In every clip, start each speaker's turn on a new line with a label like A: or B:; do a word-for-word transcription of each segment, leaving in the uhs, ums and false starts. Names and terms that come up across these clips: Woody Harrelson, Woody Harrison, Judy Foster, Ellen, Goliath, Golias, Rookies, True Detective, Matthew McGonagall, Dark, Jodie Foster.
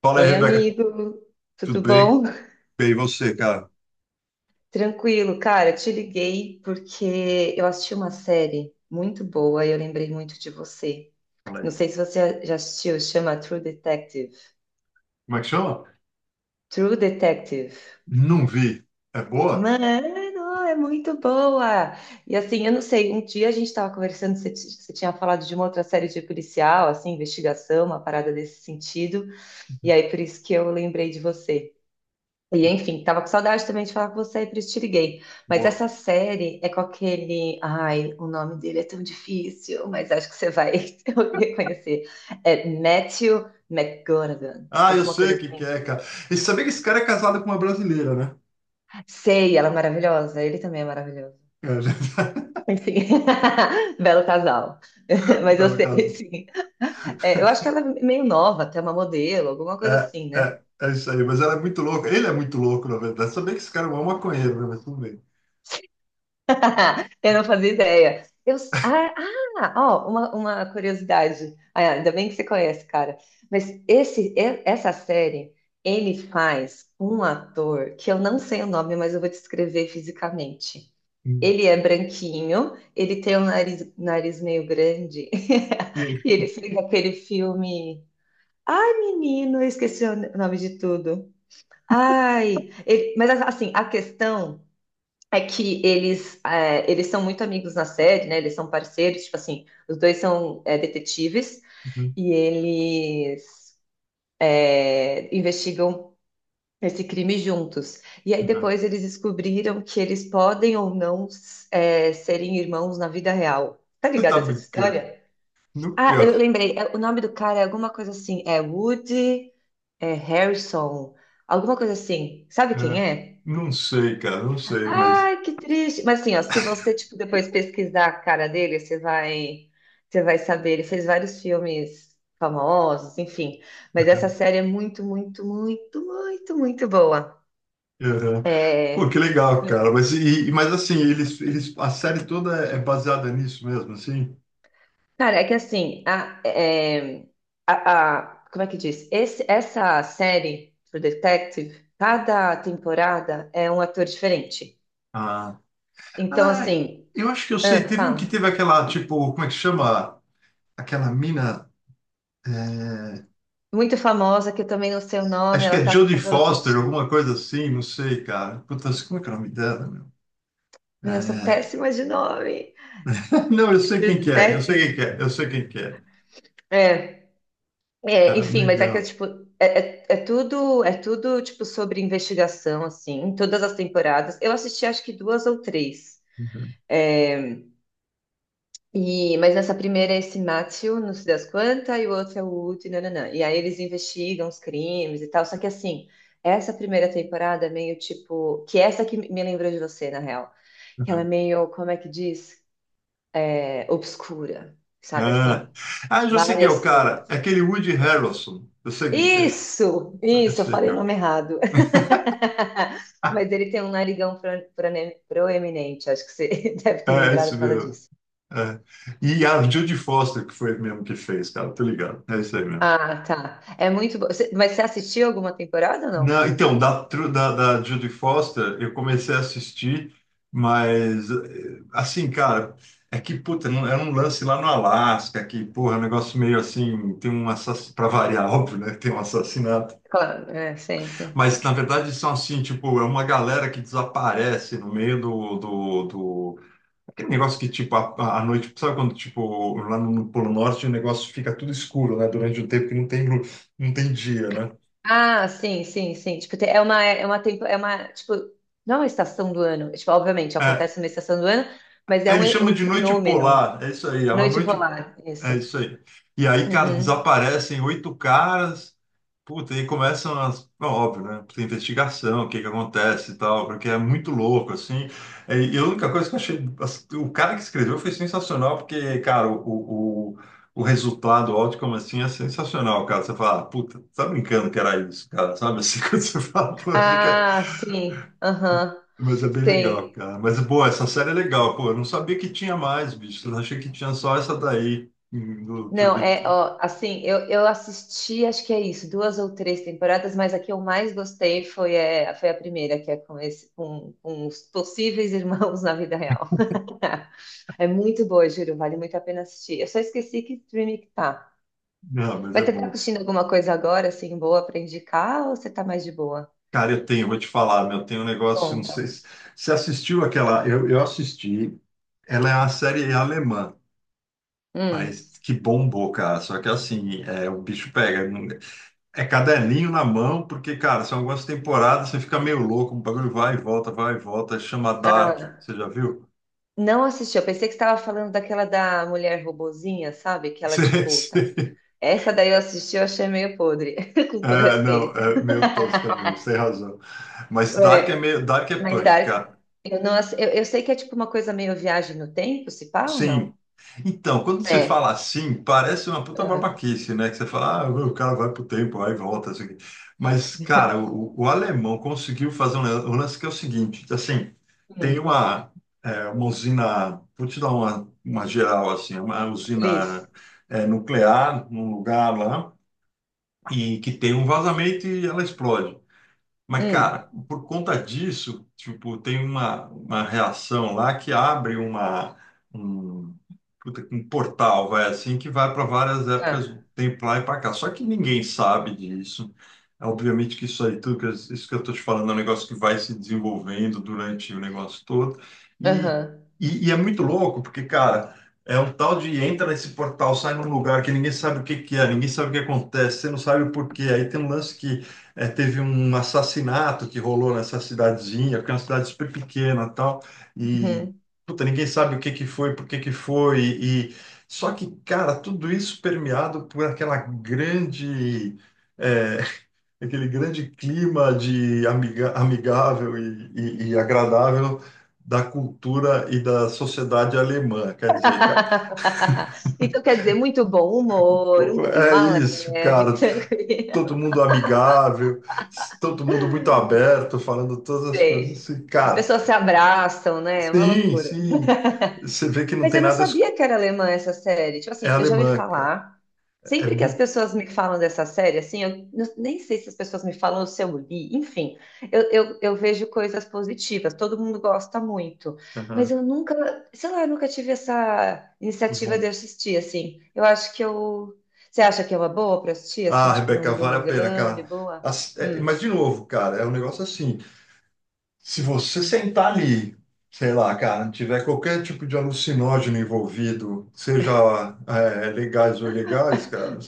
A: Fala aí,
B: Oi,
A: Rebeca,
B: amigo,
A: tudo
B: tudo
A: bem?
B: bom?
A: Bem, e você, cara?
B: Tranquilo, cara, te liguei porque eu assisti uma série muito boa e eu lembrei muito de você.
A: Fala
B: Não
A: aí.
B: sei se você já assistiu, chama True Detective.
A: Como é que chama?
B: True Detective.
A: Não vi. É boa?
B: Mano, é muito boa! E assim, eu não sei, um dia a gente estava conversando, você, ti- você tinha falado de uma outra série de policial, assim, investigação, uma parada desse sentido, e aí por isso que eu lembrei de você. E enfim, tava com saudade também de falar com você e por isso te liguei. Mas
A: Boa.
B: essa série é com aquele. Ai, o nome dele é tão difícil, mas acho que você vai reconhecer. É Matthew McGonagall,
A: Ah, eu
B: alguma
A: sei
B: coisa
A: o que que
B: assim.
A: é, cara. E sabia que esse cara é casado com uma brasileira, né?
B: Sei, ela é maravilhosa, ele também é maravilhoso.
A: É, já
B: Enfim, belo casal. Mas eu
A: Belo
B: sei,
A: caso.
B: sim. É, eu acho que ela é meio nova, até uma modelo, alguma coisa
A: É,
B: assim, né?
A: é, é isso aí, mas ela é muito louca. Ele é muito louco, na verdade. Sabia que esse cara é um maconheiro, né? Mas tudo bem.
B: Eu não fazia ideia. Eu, s- ah, ah, ó, uma, uma curiosidade. Ah, ainda bem que você conhece, cara. Mas esse, e- essa série, ele faz um ator que eu não sei o nome, mas eu vou descrever fisicamente.
A: Hum,
B: Ele é branquinho, ele tem um nariz, nariz meio grande,
A: hum,
B: e ele fez aquele filme. Ai, menino, eu esqueci o nome de tudo. Ai, ele- mas assim, a questão. É que eles, é, eles são muito amigos na série, né? Eles são parceiros, tipo assim, os dois são é, detetives
A: hum.
B: e eles é, investigam esse crime juntos. E aí
A: Ah,
B: depois eles descobriram que eles podem ou não é, serem irmãos na vida real. Tá
A: Você
B: ligado
A: tá
B: a essa
A: brincando?
B: história? Ah,
A: Nunca.
B: eu lembrei. É, o nome do cara é alguma coisa assim. É Woody, é Harrison, alguma coisa assim. Sabe quem
A: é,
B: é?
A: não sei, cara, não sei, mas.
B: Ai, que triste. Mas assim, ó, se você tipo depois pesquisar a cara dele, você vai, você vai saber. Ele fez vários filmes famosos, enfim. Mas essa série é muito, muito, muito, muito, muito boa.
A: é, Pô,
B: É,
A: que legal, cara. Mas, e, e- mas assim, eles, eles, a série toda é é baseada nisso mesmo, assim?
B: cara, é que assim, a, é, a, a- como é que diz? Esse, essa série, True Detective, cada temporada é um ator diferente.
A: Ah,
B: Então,
A: ah,
B: assim,
A: eu acho que eu sei.
B: ah,
A: Teve um que
B: fala.
A: teve aquela, tipo, como é que chama? Aquela mina. é,
B: Muito famosa, que eu também não sei o nome,
A: Acho que
B: ela
A: é
B: tá com
A: Jodie
B: cabelo
A: Foster,
B: curtinho.
A: alguma coisa assim, não sei, cara. Putz, como é que é o nome dela, meu?
B: Meu, eu sou
A: É,
B: péssima de nome.
A: Não, eu sei
B: True
A: quem que é, eu sei quem que
B: Detective?
A: é, eu sei quem que é.
B: É. É,
A: Ah,
B: enfim, mas é que é
A: legal.
B: tipo, é, é, é tudo, é tudo tipo sobre investigação assim, em todas as temporadas. Eu assisti acho que duas ou três. É, e mas nessa primeira é esse Matthew, não sei das quantas, e o outro é o Woody, nananã. E aí eles investigam os crimes e tal, só que assim, essa primeira temporada é meio tipo, que é essa que me lembrou de você, na real, que ela é meio, como é que diz? É, obscura, sabe assim?
A: Ah, ah, eu já sei quem é o
B: Várias
A: cara.
B: coisas.
A: É aquele Woody Harrelson. Eu sei quem que é.
B: Isso,
A: Eu
B: isso, eu
A: sei
B: falei
A: quem
B: o
A: é o
B: nome
A: cara.
B: errado. Mas ele tem um narigão pro- prone- proeminente, acho que você deve ter
A: É,
B: lembrado
A: esse
B: por causa
A: mesmo.
B: disso.
A: É. E a Judy Foster, que foi mesmo que fez, cara, tô ligado. É isso aí mesmo.
B: Ah, tá. É muito bom. Você- Mas você assistiu alguma temporada ou não?
A: Não, então, da, tru- da, da Judy Foster, eu comecei a assistir, mas, eh, assim, cara, é que, puta, não- era um lance lá no Alasca, que, porra, é um negócio meio assim, tem um assassinato, pra variar, óbvio, né, tem um assassinato.
B: Claro, é, sempre.
A: Mas, na verdade, são assim, tipo, é uma galera que desaparece no meio do, do, do Aquele negócio que, tipo, à à noite, sabe quando, tipo, lá no, no Polo Norte o negócio fica tudo escuro, né? Durante um tempo que não tem, lu- não tem dia, né?
B: Ah, sim, sim, sim. Tipo, tem- é uma, é uma, tempo, é uma, tipo, não é uma estação do ano. Tipo, obviamente,
A: É,
B: acontece uma estação do ano, mas é
A: ele chama
B: um, um
A: de noite
B: fenômeno.
A: polar, é isso aí, é uma
B: Noite
A: noite
B: polar,
A: É
B: isso.
A: isso aí. E aí, cara,
B: Uhum.
A: desaparecem oito caras. Puta, e começam as. Bom, óbvio, né? Tem investigação, o que que acontece e tal, porque é muito louco, assim. É, e a única coisa que eu achei. as- O cara que escreveu foi sensacional, porque, cara, o, o, o o resultado, o outcome, assim, é sensacional, cara. Você fala, "Ah, puta, tá brincando que era isso, cara, sabe? Assim, quando você fala, poxa,
B: Ah, sim, aham.
A: mas é bem legal,
B: Sim.
A: cara. Mas, pô, essa série é legal, pô. Eu não sabia que tinha mais, bicho. Eu achei que tinha só essa daí. hum, do-
B: Não, é,
A: do-
B: ó, assim, eu, eu assisti, acho que é isso, duas ou três temporadas, mas a que eu mais gostei foi, é, foi a primeira, que é com, esse, com, com os possíveis irmãos na vida real. É muito boa, juro, vale muito a pena assistir. Eu só esqueci que streaming que tá.
A: Não, mas é
B: Mas você tá
A: bom.
B: assistindo alguma coisa agora, assim, boa pra indicar, ou você tá mais de boa?
A: Cara, eu tenho, vou te falar, meu, tem um negócio, não
B: Conta.
A: sei se você assistiu aquela. Eu, eu assisti. Ela é uma série alemã,
B: Hum.
A: mas que bombou, cara. Só que assim, é, o bicho pega. não- É caderninho na mão, porque, cara, são algumas temporadas, você fica meio louco, o bagulho vai e volta, vai e volta. Chama Dark.
B: Ah,
A: Você já viu?
B: não assisti, eu pensei que você tava falando daquela da mulher robozinha, sabe? Que ela, tipo, tá… Essa daí eu assisti, eu achei meio podre, com todo
A: É, não,
B: respeito.
A: é meio tosca mesmo, sem razão. Mas Dark é
B: É,
A: meio, Dark é
B: mas
A: punk,
B: Dark,
A: cara.
B: eu, não, ass- eu, eu sei que é tipo uma coisa meio viagem no tempo, se pá ou
A: Sim.
B: não?
A: Então, quando você fala
B: É.
A: assim, parece uma puta
B: Ah,
A: babaquice, né? Que você fala, ah, o cara vai pro tempo, vai e volta, assim. Mas, cara, o, o alemão conseguiu fazer um lan- um lance que é o seguinte, assim, tem
B: hum,
A: uma, é, uma usina, vou te dar uma, uma geral, assim, uma
B: Cris.
A: usina, é, nuclear num lugar lá, e que tem um vazamento e ela explode. Mas,
B: Hum,
A: cara, por conta disso, tipo, tem uma, uma reação lá que abre uma, um, puta, um portal, vai assim, que vai para várias
B: tá.
A: épocas do tempo lá e para cá. Só que ninguém sabe disso. É, obviamente que isso aí, tudo que, eu- isso que eu estou te falando é um negócio que vai se desenvolvendo durante o negócio todo. E,
B: Aham.
A: e, e é muito louco, porque, cara, é um tal de entra nesse portal, sai num lugar que ninguém sabe o que que é, ninguém sabe o que acontece, você não sabe o porquê. Aí tem um lance que é, teve um assassinato que rolou nessa cidadezinha, que é uma cidade super pequena e tal, e
B: Uhum.
A: puta, ninguém sabe o que que foi, por que que foi, e e- só que, cara, tudo isso permeado por aquela grande, é, aquele grande clima de amiga, amigável e, e- e agradável da cultura e da sociedade alemã, quer dizer, cara,
B: Então quer dizer, muito bom humor, um
A: o- é
B: clima
A: isso,
B: leve,
A: cara,
B: tranquilo.
A: todo mundo amigável, todo mundo muito aberto, falando todas as coisas
B: Sei.
A: assim,
B: As
A: cara.
B: pessoas se abraçam, né? É uma
A: Sim,
B: loucura.
A: sim. Você vê que não
B: Mas
A: tem
B: eu não
A: nada. es-
B: sabia que era alemã essa série. Tipo
A: É
B: assim, eu já ouvi
A: alemã, cara.
B: falar.
A: É
B: Sempre que as
A: muito.
B: pessoas me falam dessa série, assim, eu n- nem sei se as pessoas me falam ou se eu li, enfim, eu, eu, eu vejo coisas positivas, todo mundo gosta muito. Mas
A: Aham.
B: eu nunca, sei lá, eu nunca tive essa iniciativa de
A: Bom.
B: assistir, assim. Eu acho que eu. Você acha que é uma boa para assistir,
A: Ah,
B: assim, tipo
A: Rebeca,
B: num
A: vale a pena,
B: domingão, de
A: cara.
B: boa?
A: As- é,
B: Hum.
A: mas, de novo, cara, é um negócio assim. Se você sentar ali, sei lá, cara, tiver qualquer tipo de alucinógeno envolvido, seja é, legais ou ilegais, cara,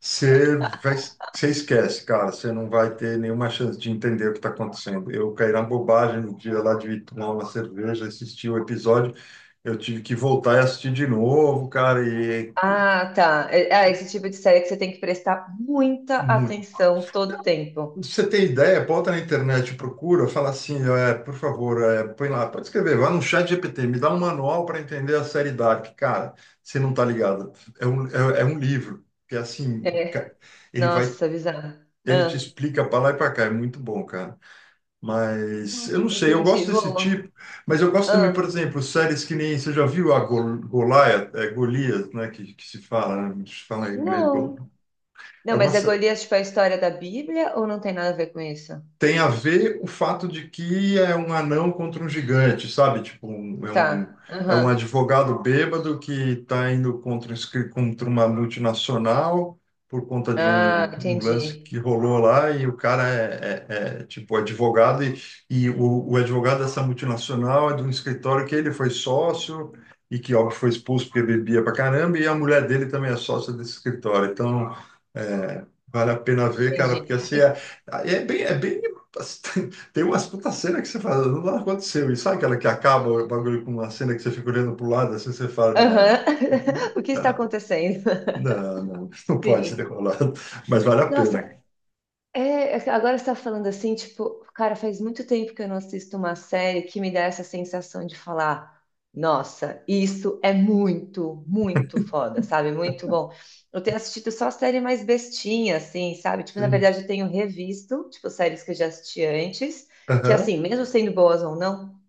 A: você vai, você esquece, cara, você não vai ter nenhuma chance de entender o que está acontecendo. Eu caí na bobagem no dia lá de tomar uma cerveja, assistir o episódio, eu tive que voltar e assistir de novo, cara, e é
B: Ah, tá. É, é esse tipo de série que você tem que prestar muita
A: muito
B: atenção todo tempo.
A: Você tem ideia? Bota na internet, procura, fala assim, é, por favor, é, põe lá, pode escrever, vai no chat G P T, me dá um manual para entender a série Dark. Cara, você não tá ligado. É um, é, é um livro, que é assim, ca-
B: É.
A: ele vai,
B: Nossa, bizarro.
A: ele te
B: Ah,
A: explica para lá e para cá, é muito bom, cara. Mas eu não sei, eu
B: entendi.
A: gosto desse
B: Boa.
A: tipo, mas eu gosto também, por
B: Ah,
A: exemplo, séries que nem, você já viu a Gol, Goliath, é, Golias, né, que, que se fala, né, se fala em inglês, Gol-
B: não. Não,
A: é uma,
B: mas é
A: sé-
B: Golias, tipo, é a história da Bíblia ou não tem nada a ver com isso?
A: tem a ver o fato de que é um anão contra um gigante, sabe? Tipo, um- é um,
B: Tá.
A: é um
B: Aham.
A: advogado bêbado que está indo contra, um escri- contra uma multinacional por conta de
B: Ah,
A: um, um lance
B: entendi.
A: que rolou lá e o cara é, é- é, tipo advogado e, e o, o advogado dessa multinacional é de um escritório que ele foi sócio e que, óbvio, foi expulso porque bebia pra caramba e a mulher dele também é sócia desse escritório. Então, é, vale a pena ver, cara, porque
B: Entendi.
A: assim, é-
B: E-
A: é bem, é bem Tem umas puta cena que você fala, não aconteceu. E sabe aquela que acaba o bagulho com uma cena que você fica olhando pro lado, assim você fala,
B: Aham.
A: não,
B: O que está
A: não,
B: acontecendo?
A: não, não, não pode ter
B: Sim.
A: rolado. Mas vale a pena.
B: Nossa, é, agora você tá falando assim, tipo, cara, faz muito tempo que eu não assisto uma série que me dá essa sensação de falar, nossa, isso é muito, muito foda, sabe? Muito bom. Eu tenho assistido só série mais bestinha, assim, sabe? Tipo, na
A: Sim.
B: verdade, eu tenho revisto, tipo, séries que eu já assisti antes, que
A: Aham,
B: assim, mesmo sendo boas ou não,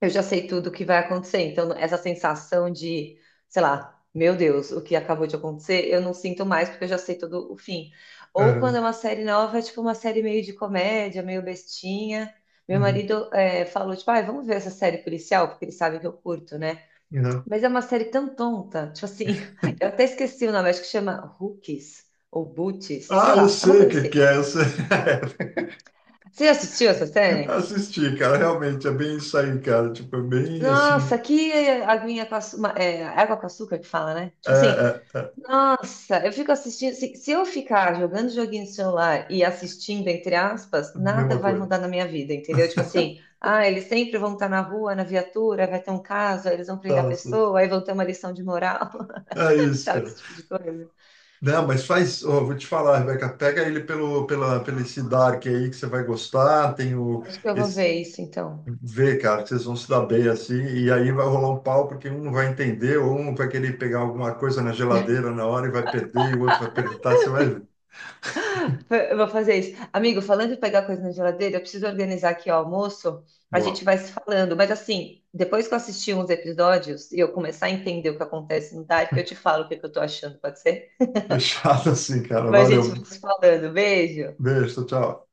B: eu já sei tudo o que vai acontecer. Então, essa sensação de, sei lá, meu Deus, o que acabou de acontecer, eu não sinto mais porque eu já sei todo o fim. Ou quando é
A: aham,
B: uma série nova, é tipo uma série meio de comédia, meio bestinha. Meu
A: uhum,
B: marido é, falou, tipo, ai, vamos ver essa série policial, porque ele sabe que eu curto, né?
A: uhum.
B: Mas é uma série tão tonta, tipo assim, eu até esqueci o nome, acho que chama Rookies ou Boots,
A: Ah,
B: sei
A: eu
B: lá, é uma
A: sei o
B: coisa
A: que que
B: assim.
A: é. Eu sei.
B: Você já assistiu essa série?
A: Assisti, cara. Realmente, é bem isso aí, cara. Tipo, é bem assim.
B: Nossa, que aguinha com açúcar, água com açúcar que fala, né?
A: É,
B: Tipo assim,
A: é, é.
B: nossa, eu fico assistindo. Se, se eu ficar jogando joguinho no celular e assistindo, entre aspas, nada
A: Mesma
B: vai
A: coisa.
B: mudar na minha vida, entendeu? Tipo assim, ah, eles sempre vão estar na rua, na viatura, vai ter um caso, aí eles vão prender a
A: Tá, sim.
B: pessoa, aí vão ter uma lição de moral,
A: É isso,
B: sabe?
A: cara.
B: Esse tipo de coisa.
A: Não, mas faz, ó, vou te falar, Rebeca, pega ele pelo, pela, pelo esse Dark aí que você vai gostar, tem o,
B: Acho que eu vou
A: esse,
B: ver isso então.
A: vê, cara, que vocês vão se dar bem assim, e aí vai rolar um pau porque um não vai entender, ou um vai querer pegar alguma coisa na geladeira na hora e vai perder, e o outro vai perguntar, você vai ver.
B: Eu vou fazer isso. Amigo, falando em pegar coisa na geladeira, eu preciso organizar aqui o almoço. A
A: Boa,
B: gente vai se falando, mas assim, depois que eu assistir uns episódios e eu começar a entender o que acontece no Dark, eu te falo o que que eu tô achando, pode ser?
A: fechado assim, cara,
B: Mas a gente
A: valeu,
B: vai se falando. Beijo.
A: beijo, tchau.